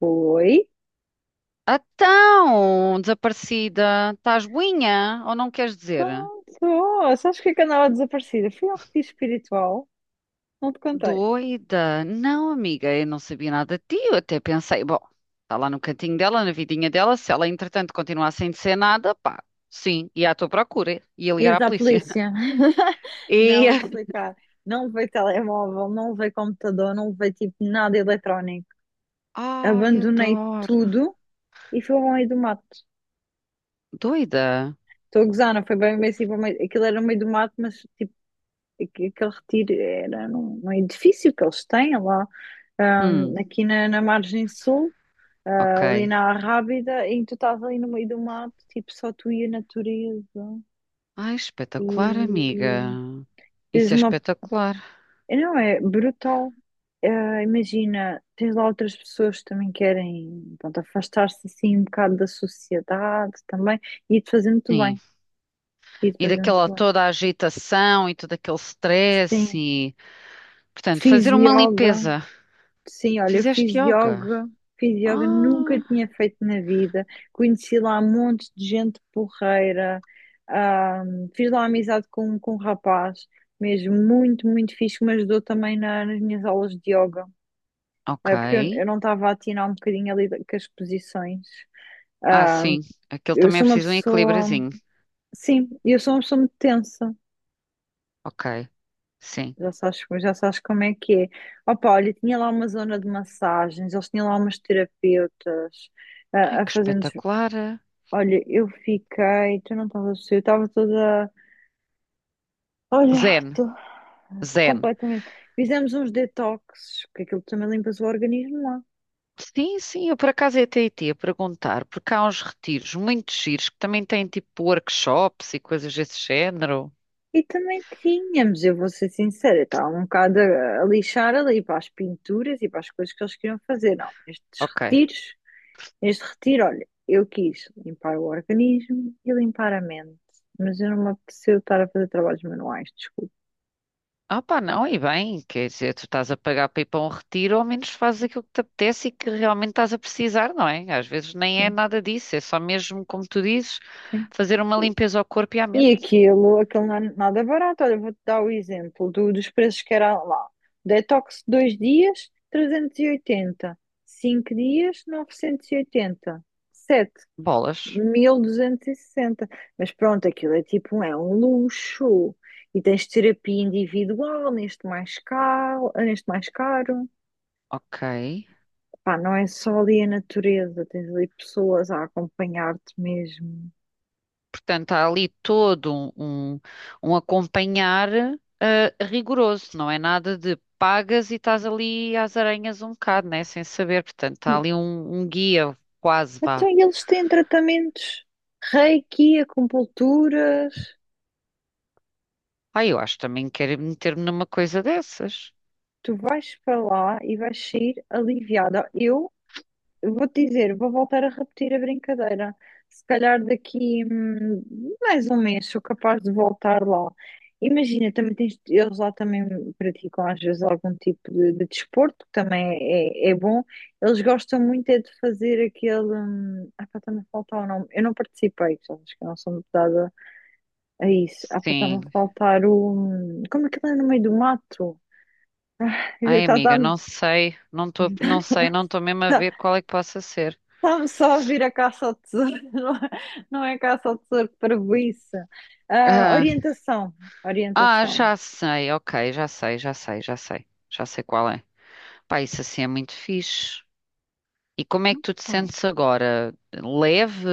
Oi. Então, desaparecida, estás boinha ou não queres dizer? Então, sou. Sabes o que é que andava desaparecida? Fui ao retiro espiritual, não te contei. Doida? Não, amiga, eu não sabia nada de ti. Eu até pensei, bom, está lá no cantinho dela, na vidinha dela. Se ela, entretanto, continuar sem dizer nada, pá, sim, ia à tua procura, ia ligar Ias à à polícia. polícia. Não, E. vou-te explicar. Não levei telemóvel, não levei computador, não levei tipo nada eletrónico. Ai, Abandonei adoro. tudo e fui ao meio do mato. Doida? Estou a gozar, não foi bem, bem assim, para o meio aquilo era no meio do mato, mas tipo, aquele retiro era num edifício que eles têm lá, Hum, aqui na margem sul. ok. Ah, ali na Rábida e tu estás ali no meio do mato, tipo, só tu e a natureza. Ai, E espetacular, amiga. tens Isso é uma. espetacular. Não, é brutal. Imagina, tens lá outras pessoas que também querem, pronto, afastar-se assim um bocado da sociedade também. E te fazer muito Sim. bem. E te E fazer muito daquela bem. toda a agitação e todo aquele stress Sim. e. Portanto, Fiz fazer uma yoga. limpeza. Sim, olha, eu Fizeste yoga. Fiz yoga, nunca Ah, tinha feito na vida. Conheci lá um monte de gente porreira, fiz lá amizade com um rapaz, mesmo muito, muito fixe, que me ajudou também nas minhas aulas de yoga, ok. Porque eu não estava a atinar um bocadinho com as posições. Ah, Ahm, sim. Aquele eu também é sou uma preciso um pessoa, equilíbriozinho. sim, eu sou uma pessoa muito tensa. Ok. Sim. Já sabes como é que é. Opa, olha, tinha lá uma zona de massagens, eles tinham lá umas terapeutas Ai, a que fazer-nos. espetacular. Olha, eu fiquei, tu não estavas a perceber, eu estava toda. Olha, Zen. estou Zen. completamente. Fizemos uns detoxes, porque aquilo também limpas o organismo lá. Sim, sim, eu por acaso ia até ia perguntar, porque há uns retiros muito giros que também têm tipo workshops e coisas desse género. E também tínhamos, eu vou ser sincera, eu estava um bocado a lixar ali para as pinturas e para as coisas que eles queriam fazer. Não, estes Ok. retiros. Neste retiro, olha, eu quis limpar o organismo e limpar a mente, mas eu não me apeteceu estar a fazer trabalhos manuais, desculpe. Ah pá, não, e bem, quer dizer, tu estás a pagar para ir para um retiro, ao menos fazes aquilo que te apetece e que realmente estás a precisar, não é? Às vezes nem é Sim, nada disso, é só mesmo, como tu dizes, sim. fazer uma limpeza ao corpo e à E mente. aquilo, aquilo não é nada barato. Olha, vou-te dar o exemplo dos preços que era lá. Detox 2 dias, 380. Cinco dias, 980. 7, Bolas, 1260. Mas pronto, aquilo é tipo, é um luxo. E tens terapia individual, neste mais caro, neste mais caro. ok. Pá, não é só ali a natureza, tens ali pessoas a acompanhar-te mesmo. Portanto, há ali todo um acompanhar rigoroso, não é nada de pagas e estás ali às aranhas um bocado, né? Sem saber, portanto, há E, ali um guia, quase então, vá. e eles têm tratamentos reiki, acupunturas. Ah, eu acho que também quero meter-me numa coisa dessas. Tu vais para lá e vais sair aliviada. Eu vou-te dizer, vou voltar a repetir a brincadeira. Se calhar daqui mais um mês sou capaz de voltar lá. Imagina, também tens, eles lá também praticam às vezes algum tipo de desporto, que também é, é bom. Eles gostam muito é de fazer aquele. Ah, pá, está-me a faltar o nome. Eu não participei, já acho que eu não sou muito dada a isso. Ah, pá, está-me a Sim. faltar o. Como é que ele é no meio do mato? Ai, amiga, Está-me não sei, não estou, não sei, não estou mesmo a ver qual é que possa ser. Está-me só a vir a caça ao tesouro, não é, não é caça ao tesouro, que parvoíce. Ah, Ah, orientação, orientação. já sei, ok, já sei, já sei, já sei, já sei qual é. Pá, isso assim é muito fixe. E como é que tu te sentes agora? Leve,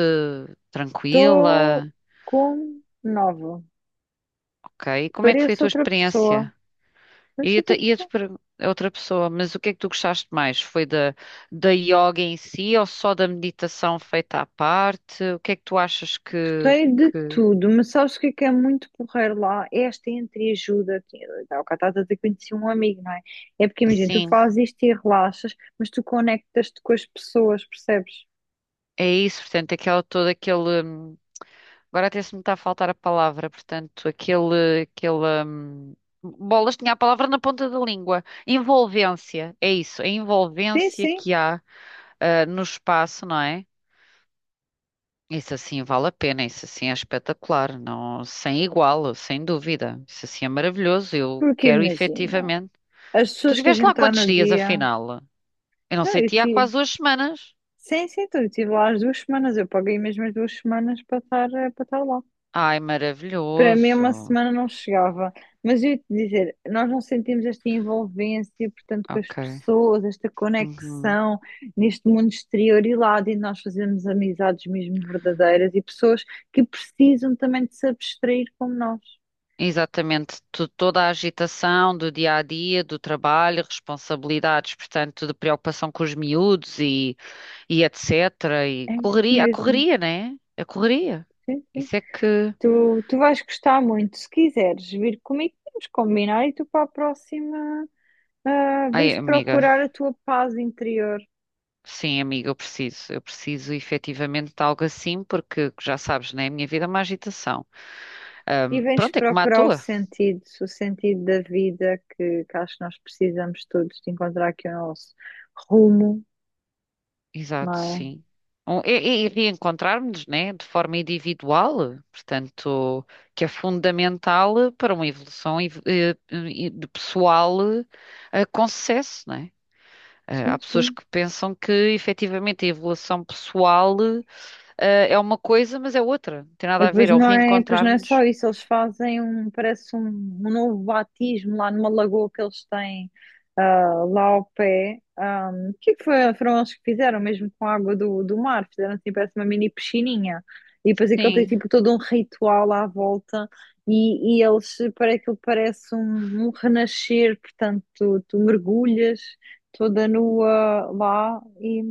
Estou tranquila? com nova, Ok, e como é que foi a pareço tua outra pessoa, experiência? pareço outra Ia-te pessoa. per- a outra pessoa, mas o que é que tu gostaste mais? Foi da, da yoga em si ou só da meditação feita à parte? O que é que tu achas Gostei de que tudo, mas sabes o que é muito porreiro lá? É esta entreajuda, tá, o cara está que conheci um amigo, não é? É porque, imagina, tu assim? fazes isto e relaxas, mas tu conectas-te com as pessoas, percebes? É isso, portanto, aquela, todo aquele. Agora até se me está a faltar a palavra, portanto, aquele, aquele. Bolas, tinha a palavra na ponta da língua. Envolvência, é isso, a Sim, envolvência sim, que há no espaço, não é? Isso assim vale a pena, isso assim é espetacular, não, sem igual, sem dúvida. Isso assim é maravilhoso, eu porque quero imagina, efetivamente. as Tu pessoas que a estiveste gente lá está quantos no dias, dia. afinal? Eu não Então, sei, eu te há tive. quase duas semanas. Sim, sim, então, eu estive lá as duas semanas. Eu paguei mesmo as duas semanas para estar, para estar lá. Ai, Para mim, maravilhoso. uma semana não chegava. Mas eu ia te dizer, nós não sentimos esta envolvência, portanto, com as Ok. pessoas, esta Uhum. conexão neste mundo exterior e lá dentro nós fazemos amizades mesmo verdadeiras e pessoas que precisam também de se abstrair como nós. Exatamente, Tu- toda a agitação do dia a dia, do trabalho, responsabilidades, portanto, de preocupação com os miúdos e etc. E É isso correria, a mesmo. correria, né? A correria. Sim, sim. Isso é que. Tu, tu vais gostar muito. Se quiseres vir comigo, podemos combinar e tu para a próxima. Ah, Ai, vens amiga, procurar a tua paz interior sim, amiga, eu preciso. Eu preciso efetivamente de algo assim, porque já sabes, né? A minha vida é uma agitação. e vens Pronto, é como a procurar tua. O sentido da vida que acho que nós precisamos todos de encontrar aqui o nosso rumo, não Exato, é? sim. E, e reencontrarmos, né, de forma individual, portanto, que é fundamental para uma evolução de pessoal com sucesso, né? Há Sim, pessoas sim. que pensam que efetivamente a evolução pessoal é uma coisa, mas é outra. Não tem E nada a ver, é o pois não é só reencontrar-nos. isso, eles fazem um, parece um, um novo batismo lá numa lagoa que eles têm ah, lá ao pé. Ah, o que é que foi, foram eles que fizeram, mesmo com a água do mar? Fizeram assim, parece uma mini piscininha. E depois aquilo tem Sim. tipo todo um ritual à volta e eles, para aquilo parece um, um renascer, portanto, tu, tu mergulhas toda nua lá e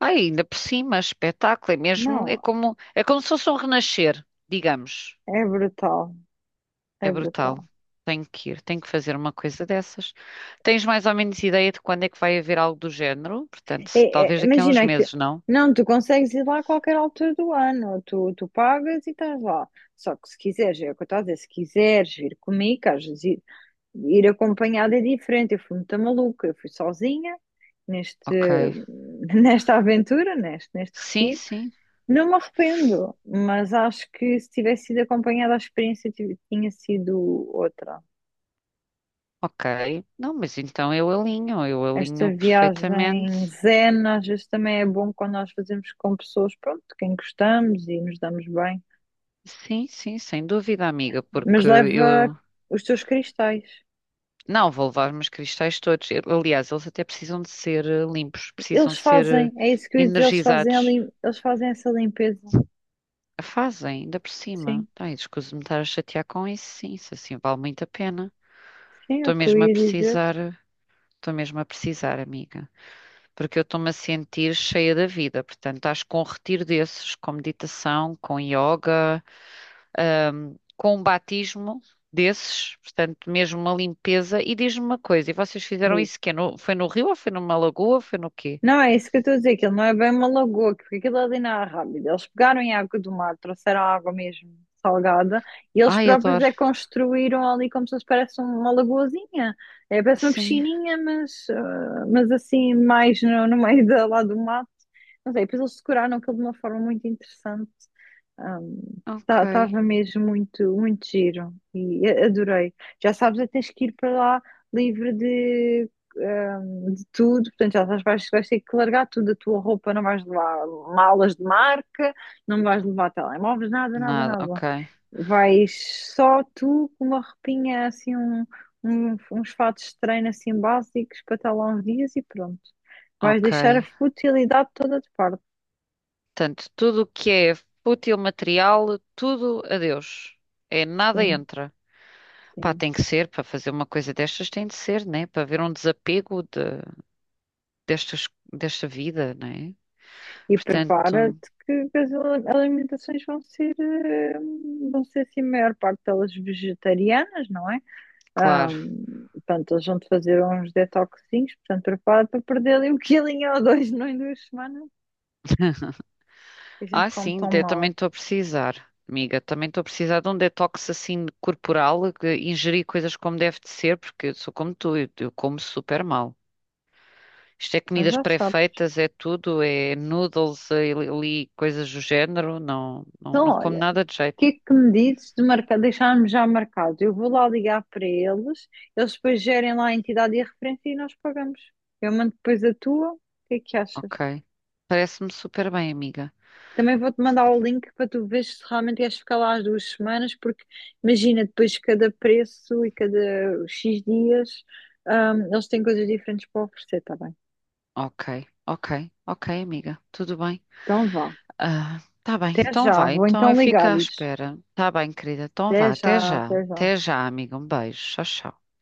Ah, ainda por cima, espetáculo, é mesmo, não, é como se fosse um renascer, digamos. é brutal, É é brutal. brutal. Tenho que ir, tenho que fazer uma coisa dessas. Tens mais ou menos ideia de quando é que vai haver algo do género? Portanto, se- talvez daqui a uns Imagina que meses, não? não, tu consegues ir lá a qualquer altura do ano, tu, tu pagas e estás lá. Só que se quiseres, é o que eu estou a dizer, se quiseres vir comigo, que às vezes ir, ir acompanhada é diferente. Eu fui muito maluca, eu fui sozinha neste, Ok. nesta aventura, neste, neste Sim, retiro. sim. Não me arrependo, mas acho que se tivesse sido acompanhada, a experiência tinha sido outra. Ok. Não, mas então eu Esta alinho viagem perfeitamente. zen às vezes também é bom quando nós fazemos com pessoas, pronto, de quem gostamos e nos damos bem. Sim, sim, sem dúvida, amiga, Mas porque leva eu. os teus cristais. Não, vou levar meus cristais todos. Eu- Aliás, eles até precisam de ser limpos, precisam Eles de ser fazem, é isso que eu ia dizer, eles fazem, energizados. Eles fazem essa limpeza. Fazem, ainda por cima. Sim, Ai, desculpe-me estar a chatear com isso, sim, isso assim vale muito a pena. sim, é Estou o que eu mesmo a ia dizer. precisar, estou mesmo a precisar, amiga, porque eu estou-me a sentir cheia da vida. Portanto, acho que com um retiro desses, com meditação, com yoga, com um batismo desses, portanto, mesmo uma limpeza. E diz-me uma coisa, e vocês fizeram Diz. isso quê? No- foi no rio ou foi numa lagoa? Foi no quê? Não, é isso que eu estou a dizer, que ele não é bem uma lagoa, que- porque aquilo é ali não é rápido. Eles pegaram em água do mar, trouxeram água mesmo salgada, e eles Ai, próprios adoro. é que construíram ali como se fosse parece um, uma lagoazinha. É, parece uma Sim, piscininha, mas, ah, mas assim, mais no, no meio da, lá do mato. Não sei, depois eles decoraram aquilo de uma forma muito interessante. ok. Estava mesmo muito, muito giro, adorei. Já sabes, é que tens que ir para lá livre de tudo, portanto, já sabes, vais, vais ter que largar tudo a tua roupa, não vais levar malas de marca, não vais levar telemóveis, nada, nada, Nada, nada. ok, Vais só tu com uma roupinha assim, um, uns fatos de treino assim básicos para estar lá uns dias e pronto. Vais ok. deixar a futilidade toda de parte. Portanto, tudo o que é fútil material, tudo adeus. É nada Sim, entra. Pá, sim. tem que ser, para fazer uma coisa destas tem de ser, né? Para haver um desapego de, destas, desta vida, né? E Portanto, prepara-te que as alimentações vão ser, vão ser assim, a maior parte delas vegetarianas, não é? claro. Portanto, eles vão te fazer uns detoxinhos, portanto, prepara para perder ali um quilinho ou dois não em duas semanas. A gente Ah, come sim, tão eu também mal, estou a precisar, amiga. Também estou a precisar de um detox assim corporal, que ingerir coisas como deve de ser, porque eu sou como tu, eu como super mal. Isto é então comidas já sabes. pré-feitas, é tudo, é noodles, é ali, coisas do género. Não, não, Então, não como olha, o nada de que jeito. é que me dizes de marcar, deixarmos já marcado? Eu vou lá ligar para eles, eles depois gerem lá a entidade e a referência e nós pagamos. Eu mando depois a tua, o que é que achas? Ok. Parece-me super bem, amiga. Também vou-te mandar o link para tu veres se realmente queres ficar lá as duas semanas, porque imagina, depois cada preço e cada X dias, eles têm coisas diferentes para oferecer, tá bem? Ok, ok, ok, amiga. Tudo bem? Então vá. Ah, tá bem, Até então já, vai. vou Então eu então fico à ligar-lhes. espera. Tá bem, querida. Então vá. Até Até já, já. até já. Até já, amiga. Um beijo. Tchau, tchau.